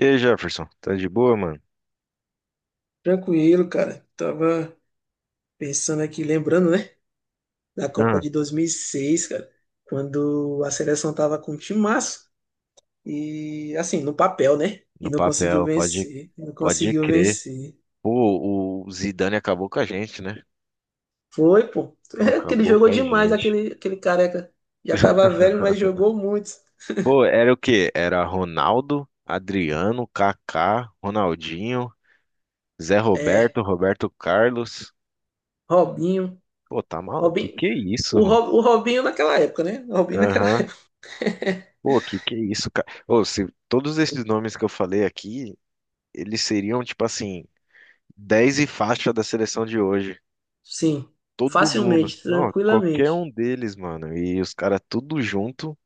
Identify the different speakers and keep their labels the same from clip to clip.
Speaker 1: E aí, Jefferson, tá de boa, mano?
Speaker 2: Tranquilo, cara. Tava pensando aqui, lembrando, né, da Copa
Speaker 1: Ah,
Speaker 2: de 2006, cara, quando a seleção tava com um timaço e, assim, no papel, né, e
Speaker 1: no
Speaker 2: não conseguiu
Speaker 1: papel, pode,
Speaker 2: vencer, não
Speaker 1: pode
Speaker 2: conseguiu
Speaker 1: crer.
Speaker 2: vencer.
Speaker 1: Pô, o Zidane acabou com a gente, né?
Speaker 2: Foi, pô.
Speaker 1: Pô,
Speaker 2: É que
Speaker 1: acabou
Speaker 2: jogou
Speaker 1: com a
Speaker 2: demais,
Speaker 1: gente.
Speaker 2: aquele careca. Já tava velho, mas jogou muito.
Speaker 1: Pô, era o quê? Era Ronaldo, Adriano, Kaká, Ronaldinho, Zé
Speaker 2: É,
Speaker 1: Roberto, Roberto Carlos.
Speaker 2: Robinho,
Speaker 1: Pô, tá maluco?
Speaker 2: Robinho,
Speaker 1: Que é isso, mano?
Speaker 2: O Robinho naquela época, né, o Robinho naquela.
Speaker 1: Aham. Pô, que é isso, cara? Ô, se todos esses nomes que eu falei aqui, eles seriam, tipo assim, 10 e faixa da seleção de hoje.
Speaker 2: Sim,
Speaker 1: Todo mundo.
Speaker 2: facilmente,
Speaker 1: Não, qualquer
Speaker 2: tranquilamente,
Speaker 1: um deles, mano. E os caras tudo junto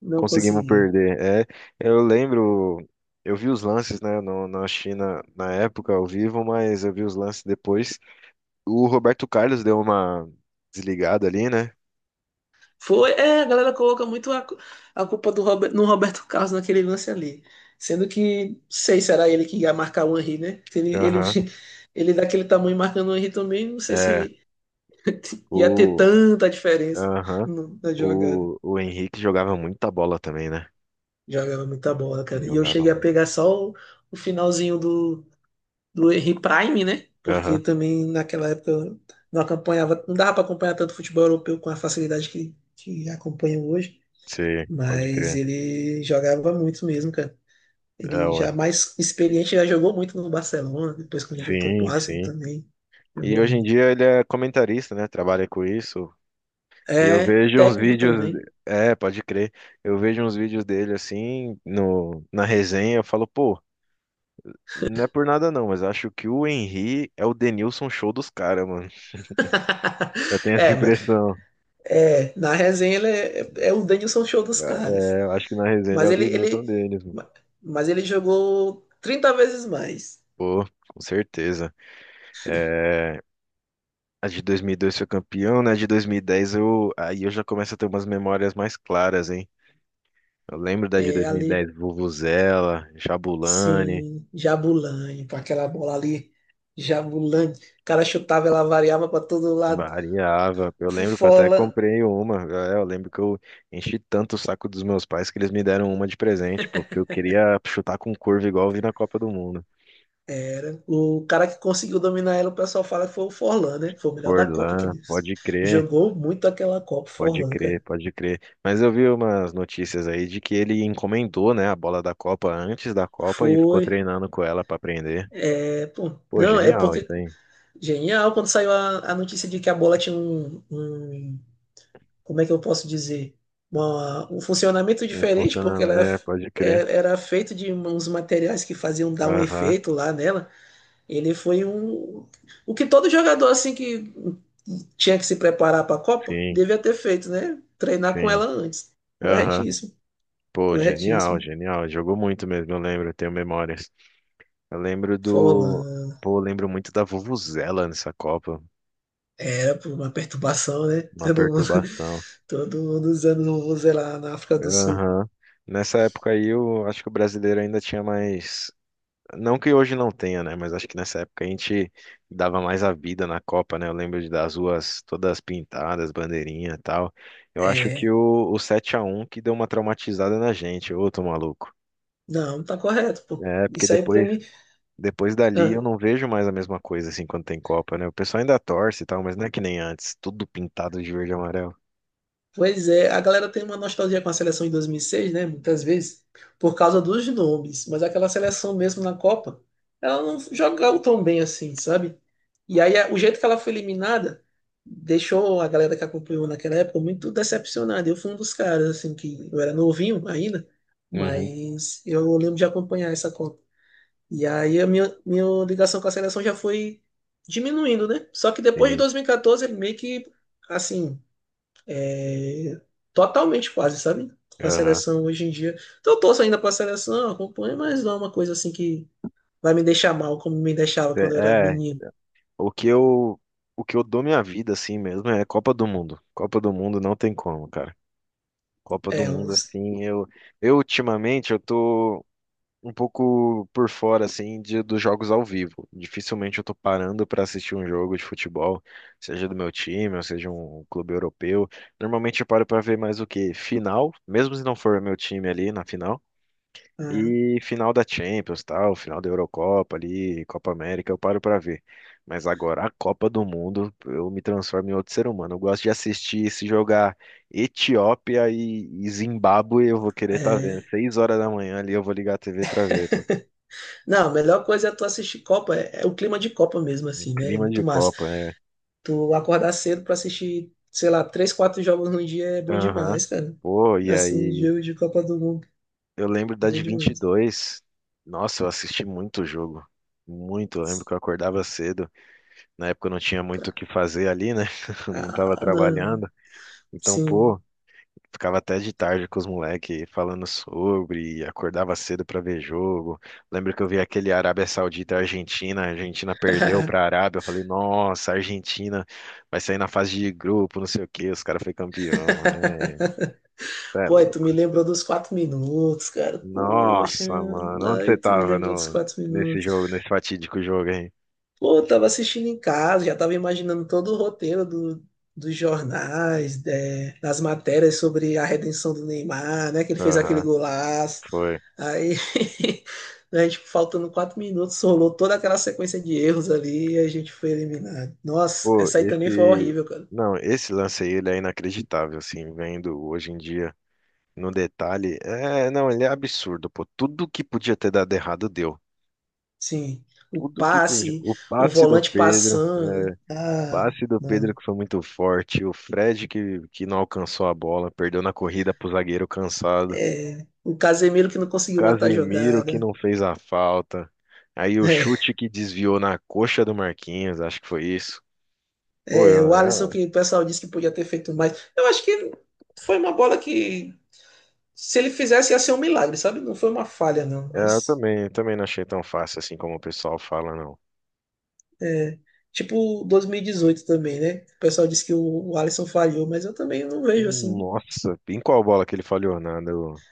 Speaker 2: não
Speaker 1: conseguimos
Speaker 2: conseguiu.
Speaker 1: perder. É, eu lembro, eu vi os lances, né, no, na China na época ao vivo, mas eu vi os lances depois. O Roberto Carlos deu uma desligada ali, né?
Speaker 2: Foi, é, a galera coloca muito a culpa no Roberto Carlos naquele lance ali. Sendo que, não sei, será ele que ia marcar o Henry, né? Se
Speaker 1: Aham.
Speaker 2: ele daquele tamanho marcando o Henry também, não sei
Speaker 1: É.
Speaker 2: se ia ter
Speaker 1: O,
Speaker 2: tanta diferença
Speaker 1: aham.
Speaker 2: na jogada.
Speaker 1: O Henrique jogava muita bola também, né?
Speaker 2: Jogava muita bola,
Speaker 1: Ele
Speaker 2: cara. E eu
Speaker 1: jogava
Speaker 2: cheguei a
Speaker 1: muito.
Speaker 2: pegar só o finalzinho do Henry Prime, né? Porque
Speaker 1: Aham.
Speaker 2: também naquela época eu não acompanhava, não dava para acompanhar tanto futebol europeu com a facilidade que acompanho hoje.
Speaker 1: Sim, pode
Speaker 2: Mas
Speaker 1: crer.
Speaker 2: ele jogava muito mesmo, cara.
Speaker 1: É,
Speaker 2: Ele
Speaker 1: ué.
Speaker 2: já mais experiente, já jogou muito no Barcelona, depois quando voltou pro
Speaker 1: Sim,
Speaker 2: Arsenal
Speaker 1: sim.
Speaker 2: também.
Speaker 1: E
Speaker 2: Jogou
Speaker 1: hoje em
Speaker 2: muito.
Speaker 1: dia ele é comentarista, né? Trabalha com isso, e eu
Speaker 2: É,
Speaker 1: vejo uns
Speaker 2: técnico
Speaker 1: vídeos,
Speaker 2: também.
Speaker 1: é, pode crer. Eu vejo uns vídeos dele assim no na resenha, eu falo, pô, não é por nada não, mas acho que o Henry é o Denilson show dos caras, mano. Eu tenho essa
Speaker 2: É, mas
Speaker 1: impressão.
Speaker 2: é, na resenha ele é o Denilson Show dos caras.
Speaker 1: É, eu acho que na resenha ele é
Speaker 2: Mas
Speaker 1: o
Speaker 2: ele,
Speaker 1: Denilson
Speaker 2: ele,
Speaker 1: deles, mano.
Speaker 2: ma- mas ele jogou 30 vezes mais.
Speaker 1: Pô, com certeza. É, a de 2002 foi campeão, né? A de 2010, eu aí eu já começo a ter umas memórias mais claras, hein? Eu lembro da de
Speaker 2: É, ali,
Speaker 1: 2010, Vuvuzela, Jabulani,
Speaker 2: sim, Jabulani, com aquela bola ali, Jabulani. O cara chutava, ela variava para todo lado.
Speaker 1: Variava. Eu lembro que eu até
Speaker 2: Fufola,
Speaker 1: comprei uma. É, eu lembro que eu enchi tanto o saco dos meus pais que eles me deram uma de presente, pô, porque eu queria chutar com curva igual eu vi na Copa do Mundo.
Speaker 2: era. O cara que conseguiu dominar ela, o pessoal fala que foi o Forlan, né? Foi o melhor da Copa que
Speaker 1: Forlan,
Speaker 2: ele
Speaker 1: pode crer,
Speaker 2: jogou muito aquela Copa,
Speaker 1: pode
Speaker 2: Forlan,
Speaker 1: crer,
Speaker 2: cara.
Speaker 1: pode crer. Mas eu vi umas notícias aí de que ele encomendou, né, a bola da Copa antes da Copa e ficou
Speaker 2: Foi.
Speaker 1: treinando com ela pra aprender.
Speaker 2: É, pô,
Speaker 1: Pô,
Speaker 2: não, é
Speaker 1: genial
Speaker 2: porque.
Speaker 1: isso aí.
Speaker 2: Genial quando saiu a notícia de que a bola tinha. Como é que eu posso dizer? Um funcionamento
Speaker 1: Não
Speaker 2: diferente, porque
Speaker 1: funciona,
Speaker 2: ela
Speaker 1: é, pode crer.
Speaker 2: era feito de uns materiais que faziam dar um
Speaker 1: Aham,
Speaker 2: efeito lá nela. Ele foi um. O que todo jogador assim que tinha que se preparar para a Copa
Speaker 1: sim,
Speaker 2: devia ter feito, né? Treinar com ela
Speaker 1: sim.
Speaker 2: antes.
Speaker 1: Aham.
Speaker 2: Corretíssimo,
Speaker 1: Pô, genial,
Speaker 2: corretíssimo.
Speaker 1: genial. Jogou muito mesmo, eu lembro, eu tenho memórias. Eu lembro do.
Speaker 2: Forlan
Speaker 1: Pô, eu lembro muito da Vuvuzela nessa Copa.
Speaker 2: era por uma perturbação, né?
Speaker 1: Uma
Speaker 2: Todo mundo,
Speaker 1: perturbação.
Speaker 2: todo mundo usando o Vuvuzela lá na África do Sul.
Speaker 1: Aham. Nessa época aí, eu acho que o brasileiro ainda tinha mais. Não que hoje não tenha, né? Mas acho que nessa época a gente dava mais a vida na Copa, né? Eu lembro de das ruas todas pintadas, bandeirinha e tal. Eu acho que
Speaker 2: É,
Speaker 1: o 7-1 que deu uma traumatizada na gente. Ô, tô maluco.
Speaker 2: não, tá correto, pô.
Speaker 1: É, porque
Speaker 2: Isso aí pra
Speaker 1: depois
Speaker 2: mim.
Speaker 1: Depois dali eu
Speaker 2: Ah,
Speaker 1: não vejo mais a mesma coisa assim quando tem Copa, né? O pessoal ainda torce e tal, mas não é que nem antes, tudo pintado de verde e amarelo.
Speaker 2: pois é, a galera tem uma nostalgia com a seleção de 2006, né? Muitas vezes, por causa dos nomes, mas aquela seleção mesmo na Copa, ela não jogava tão bem assim, sabe? E aí o jeito que ela foi eliminada deixou a galera que acompanhou naquela época muito decepcionada. Eu fui um dos caras, assim, que eu era novinho ainda,
Speaker 1: Uhum,
Speaker 2: mas eu lembro de acompanhar essa Copa. E aí a minha ligação com a seleção já foi diminuindo, né? Só que depois de
Speaker 1: sim.
Speaker 2: 2014, ele meio que, assim, é, totalmente quase, sabe? Com a
Speaker 1: Aham.
Speaker 2: seleção hoje em dia. Então eu torço ainda pra seleção, acompanho, mas não é uma coisa assim que vai me deixar mal como me deixava quando eu era
Speaker 1: É, é,
Speaker 2: menino.
Speaker 1: o que eu o que eu dou minha vida assim mesmo é Copa do Mundo. Copa do Mundo não tem como, cara. Copa do
Speaker 2: É,
Speaker 1: Mundo assim, eu ultimamente eu tô um pouco por fora, assim, dos jogos ao vivo. Dificilmente eu tô parando pra assistir um jogo de futebol, seja do meu time, ou seja um clube europeu. Normalmente eu paro pra ver mais o quê? Final, mesmo se não for meu time ali na final.
Speaker 2: ah,
Speaker 1: E final da Champions, tal, final da Eurocopa ali, Copa América, eu paro pra ver. Mas agora a Copa do Mundo, eu me transformo em outro ser humano. Eu gosto de assistir se jogar Etiópia e Zimbábue, eu vou querer estar vendo.
Speaker 2: é.
Speaker 1: 6 horas da manhã ali eu vou ligar a TV pra ver, pô.
Speaker 2: Não, a melhor coisa é tu assistir Copa, é o clima de Copa mesmo,
Speaker 1: Um
Speaker 2: assim, né? É
Speaker 1: clima
Speaker 2: muito
Speaker 1: de
Speaker 2: massa.
Speaker 1: Copa, é.
Speaker 2: Tu acordar cedo pra assistir, sei lá, três, quatro jogos no dia é bom
Speaker 1: Aham.
Speaker 2: demais, cara.
Speaker 1: Pô, e
Speaker 2: Assim,
Speaker 1: aí?
Speaker 2: jogo de Copa do Mundo,
Speaker 1: Eu lembro da
Speaker 2: bom
Speaker 1: de vinte e
Speaker 2: demais.
Speaker 1: dois. Nossa, eu assisti muito o jogo. Muito. Eu lembro que eu acordava cedo. Na época eu não tinha muito o
Speaker 2: Cara,
Speaker 1: que fazer ali, né? Não tava
Speaker 2: ah, não,
Speaker 1: trabalhando. Então,
Speaker 2: sim.
Speaker 1: pô, ficava até de tarde com os moleques falando sobre. E acordava cedo pra ver jogo. Lembro que eu vi aquele Arábia Saudita e Argentina. A Argentina perdeu pra Arábia. Eu falei, nossa, a Argentina vai sair na fase de grupo, não sei o quê. Os caras foi campeão, né?
Speaker 2: Pô, aí tu me lembrou dos 4 minutos, cara. Poxa,
Speaker 1: Nossa, mano, onde
Speaker 2: aí
Speaker 1: você
Speaker 2: tu me
Speaker 1: tava
Speaker 2: lembrou dos
Speaker 1: no,
Speaker 2: quatro
Speaker 1: nesse
Speaker 2: minutos.
Speaker 1: jogo, nesse fatídico jogo, hein?
Speaker 2: Pô, eu tava assistindo em casa, já tava imaginando todo o roteiro do, dos jornais, né, das matérias sobre a redenção do Neymar, né? Que ele fez aquele
Speaker 1: Aham,
Speaker 2: golaço.
Speaker 1: foi.
Speaker 2: Aí, a gente, faltando 4 minutos, rolou toda aquela sequência de erros ali e a gente foi eliminado. Nossa,
Speaker 1: Pô,
Speaker 2: essa aí também foi
Speaker 1: esse.
Speaker 2: horrível, cara.
Speaker 1: Não, esse lance aí, ele é inacreditável, assim, vendo hoje em dia no detalhe. É, não, ele é absurdo, pô. Tudo que podia ter dado errado deu.
Speaker 2: Sim, o
Speaker 1: Tudo que podia.
Speaker 2: passe,
Speaker 1: O
Speaker 2: o
Speaker 1: passe do
Speaker 2: volante
Speaker 1: Pedro, o
Speaker 2: passando. Ah,
Speaker 1: passe do Pedro
Speaker 2: não.
Speaker 1: que foi muito forte, o Fred que não alcançou a bola, perdeu na corrida pro zagueiro cansado.
Speaker 2: É, o Casemiro que não conseguiu matar a
Speaker 1: Casemiro que
Speaker 2: jogada.
Speaker 1: não fez a falta. Aí o
Speaker 2: É,
Speaker 1: chute que desviou na coxa do Marquinhos, acho que foi isso. Pô,
Speaker 2: é, o Alisson que o pessoal disse que podia ter feito mais. Eu acho que foi uma bola que, se ele fizesse, ia ser um milagre, sabe? Não foi uma falha, não. Mas,
Speaker 1: eu também não achei tão fácil assim como o pessoal fala, não.
Speaker 2: é, tipo 2018 também, né? O pessoal disse que o Alisson falhou, mas eu também não vejo assim.
Speaker 1: Nossa, em qual bola que ele falhou? Na do,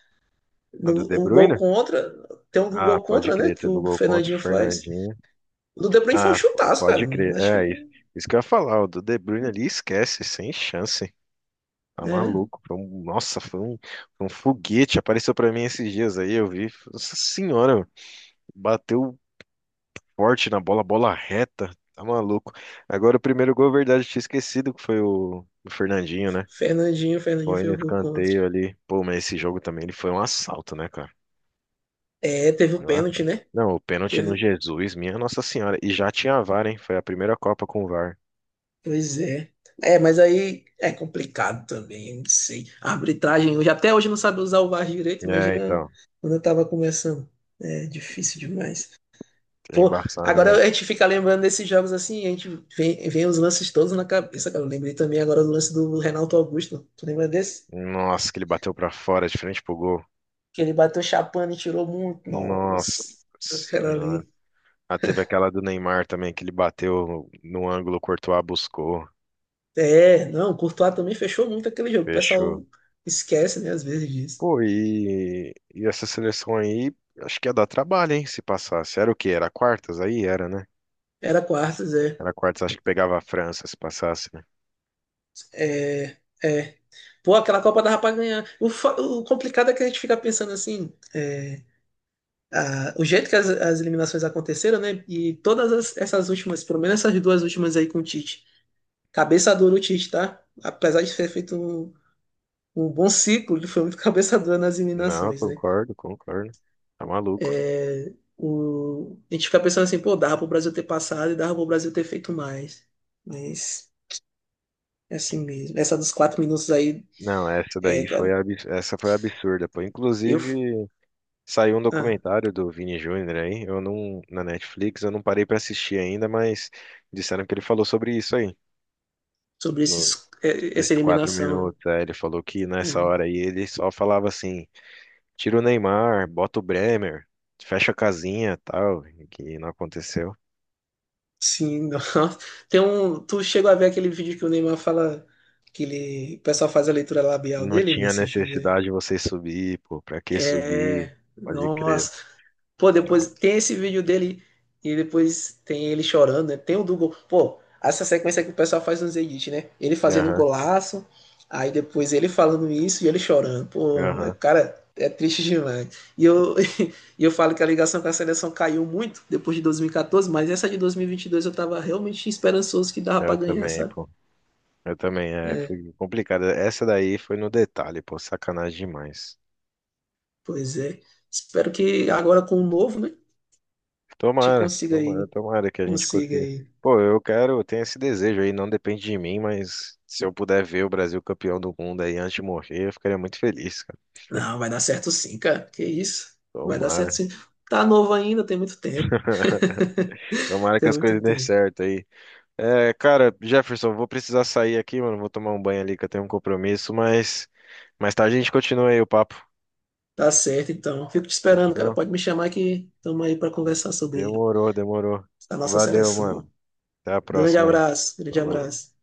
Speaker 1: na do
Speaker 2: No-
Speaker 1: De
Speaker 2: o gol
Speaker 1: Bruyne?
Speaker 2: contra, tem um
Speaker 1: Ah,
Speaker 2: gol
Speaker 1: pode
Speaker 2: contra, né?
Speaker 1: crer,
Speaker 2: Que
Speaker 1: teve o
Speaker 2: o
Speaker 1: gol contra o
Speaker 2: Fernandinho faz.
Speaker 1: Fernandinho.
Speaker 2: O do De Bruyne foi um
Speaker 1: Ah,
Speaker 2: chutaço, cara.
Speaker 1: pode crer,
Speaker 2: Acho
Speaker 1: é isso.
Speaker 2: que.
Speaker 1: Isso que eu ia falar, o do De Bruyne ali esquece, sem chance. Tá
Speaker 2: Né?
Speaker 1: maluco. Nossa, foi um foguete. Apareceu pra mim esses dias aí, eu vi. Nossa senhora, bateu forte na bola, bola reta, tá maluco. Agora o primeiro gol, é verdade, eu tinha esquecido que foi o Fernandinho, né?
Speaker 2: Fernandinho, Fernandinho
Speaker 1: Foi
Speaker 2: fez
Speaker 1: no
Speaker 2: o gol contra.
Speaker 1: escanteio ali. Pô, mas esse jogo também ele foi um assalto, né, cara?
Speaker 2: É, teve o
Speaker 1: Foi um
Speaker 2: pênalti,
Speaker 1: assalto.
Speaker 2: né?
Speaker 1: Não, o pênalti no
Speaker 2: Teve,
Speaker 1: Jesus, minha Nossa Senhora. E já tinha a VAR, hein? Foi a primeira Copa com o VAR.
Speaker 2: pois é. É, mas aí é complicado também, eu não sei. A arbitragem hoje, até hoje não sabe usar o VAR direito,
Speaker 1: É,
Speaker 2: imagina
Speaker 1: então,
Speaker 2: quando eu tava começando. É difícil demais.
Speaker 1: é
Speaker 2: Pô,
Speaker 1: embaçado
Speaker 2: agora
Speaker 1: mesmo.
Speaker 2: a gente fica lembrando desses jogos assim, a gente vem, vem os lances todos na cabeça, cara. Eu lembrei também agora do lance do Renato Augusto. Tu lembra desse?
Speaker 1: Nossa, que ele bateu pra fora, de frente pro gol.
Speaker 2: Que ele bateu chapando e tirou muito.
Speaker 1: Nossa
Speaker 2: Nossa, aquela
Speaker 1: Senhora.
Speaker 2: ali.
Speaker 1: Ah, teve aquela do Neymar também, que ele bateu no ângulo, o Courtois buscou,
Speaker 2: É, não, o Courtois também fechou muito aquele jogo. O
Speaker 1: fechou.
Speaker 2: pessoal esquece, né, às vezes disso.
Speaker 1: Pô, e essa seleção aí, acho que ia dar trabalho, hein, se passasse. Era o quê? Era quartas aí? Era, né?
Speaker 2: Era quartas, é.
Speaker 1: Era quartas, acho que pegava a França se passasse, né?
Speaker 2: É, é. Pô, aquela Copa dava pra ganhar. O complicado é que a gente fica pensando assim, é, o jeito que as eliminações aconteceram, né? E todas essas últimas, pelo menos essas duas últimas aí com o Tite. Cabeça dura o Tite, tá? Apesar de ter feito um bom ciclo, ele foi muito cabeça dura nas
Speaker 1: Não,
Speaker 2: eliminações, né?
Speaker 1: concordo, concordo. Tá maluco.
Speaker 2: É, a gente fica pensando assim, pô, dava pro Brasil ter passado e dava pro Brasil ter feito mais. Mas é assim mesmo. Essa dos 4 minutos aí,
Speaker 1: Não, essa
Speaker 2: é,
Speaker 1: daí foi,
Speaker 2: cara.
Speaker 1: abs- essa foi absurda, pô.
Speaker 2: Eu.
Speaker 1: Inclusive, saiu um
Speaker 2: Ah,
Speaker 1: documentário do Vini Júnior aí, eu não, na Netflix, eu não parei pra assistir ainda, mas disseram que ele falou sobre isso aí,
Speaker 2: sobre
Speaker 1: no,
Speaker 2: esses, é, essa
Speaker 1: nesses 4
Speaker 2: eliminação, né?
Speaker 1: minutos. Aí ele falou que
Speaker 2: É,
Speaker 1: nessa hora aí ele só falava assim, tira o Neymar, bota o Bremer, fecha a casinha, tal, que não aconteceu.
Speaker 2: sim, nossa. Tem tu chegou a ver aquele vídeo que o Neymar fala que o pessoal faz a leitura labial
Speaker 1: Não
Speaker 2: dele
Speaker 1: tinha
Speaker 2: nesse jogo aí?
Speaker 1: necessidade de vocês subir, pô, pra que subir?
Speaker 2: É,
Speaker 1: Pode crer.
Speaker 2: nossa. Pô,
Speaker 1: Não.
Speaker 2: depois tem esse vídeo dele e depois tem ele chorando, né? Tem o do gol. Pô, essa sequência que o pessoal faz nos edits, né? Ele fazendo um
Speaker 1: Aham,
Speaker 2: golaço, aí depois ele falando isso e ele chorando. Pô,
Speaker 1: aham,
Speaker 2: cara, é triste demais. E eu, e eu falo que a ligação com a seleção caiu muito depois de 2014, mas essa de dois mil e vinte e dois eu tava realmente esperançoso que dava pra
Speaker 1: eu
Speaker 2: ganhar,
Speaker 1: também,
Speaker 2: sabe?
Speaker 1: pô. Eu também, é, foi complicado. Essa daí foi no detalhe, pô, sacanagem demais.
Speaker 2: Pois é. Espero que agora com o novo, né? A gente
Speaker 1: Tomara,
Speaker 2: consiga
Speaker 1: tomara,
Speaker 2: aí,
Speaker 1: tomara que a gente
Speaker 2: consiga
Speaker 1: consiga.
Speaker 2: aí.
Speaker 1: Pô, eu tenho esse desejo aí, não depende de mim, mas se eu puder ver o Brasil campeão do mundo aí antes de morrer, eu ficaria muito feliz, cara.
Speaker 2: Não, vai dar certo sim, cara. Que isso? Vai dar certo
Speaker 1: Tomara.
Speaker 2: sim. Tá novo ainda, tem muito tempo.
Speaker 1: Tomara que
Speaker 2: Tem
Speaker 1: as
Speaker 2: muito
Speaker 1: coisas dêem
Speaker 2: tempo.
Speaker 1: certo aí. É, cara, Jefferson, vou precisar sair aqui, mano. Vou tomar um banho ali que eu tenho um compromisso, mas mais tarde a gente continua aí o papo.
Speaker 2: Tá certo, então. Fico te esperando, cara.
Speaker 1: Fechou?
Speaker 2: Pode me chamar que estamos aí para conversar sobre
Speaker 1: Demorou, demorou.
Speaker 2: a nossa
Speaker 1: Valeu, mano.
Speaker 2: seleção.
Speaker 1: Até a
Speaker 2: Grande
Speaker 1: próxima aí.
Speaker 2: abraço, grande
Speaker 1: Falou.
Speaker 2: abraço.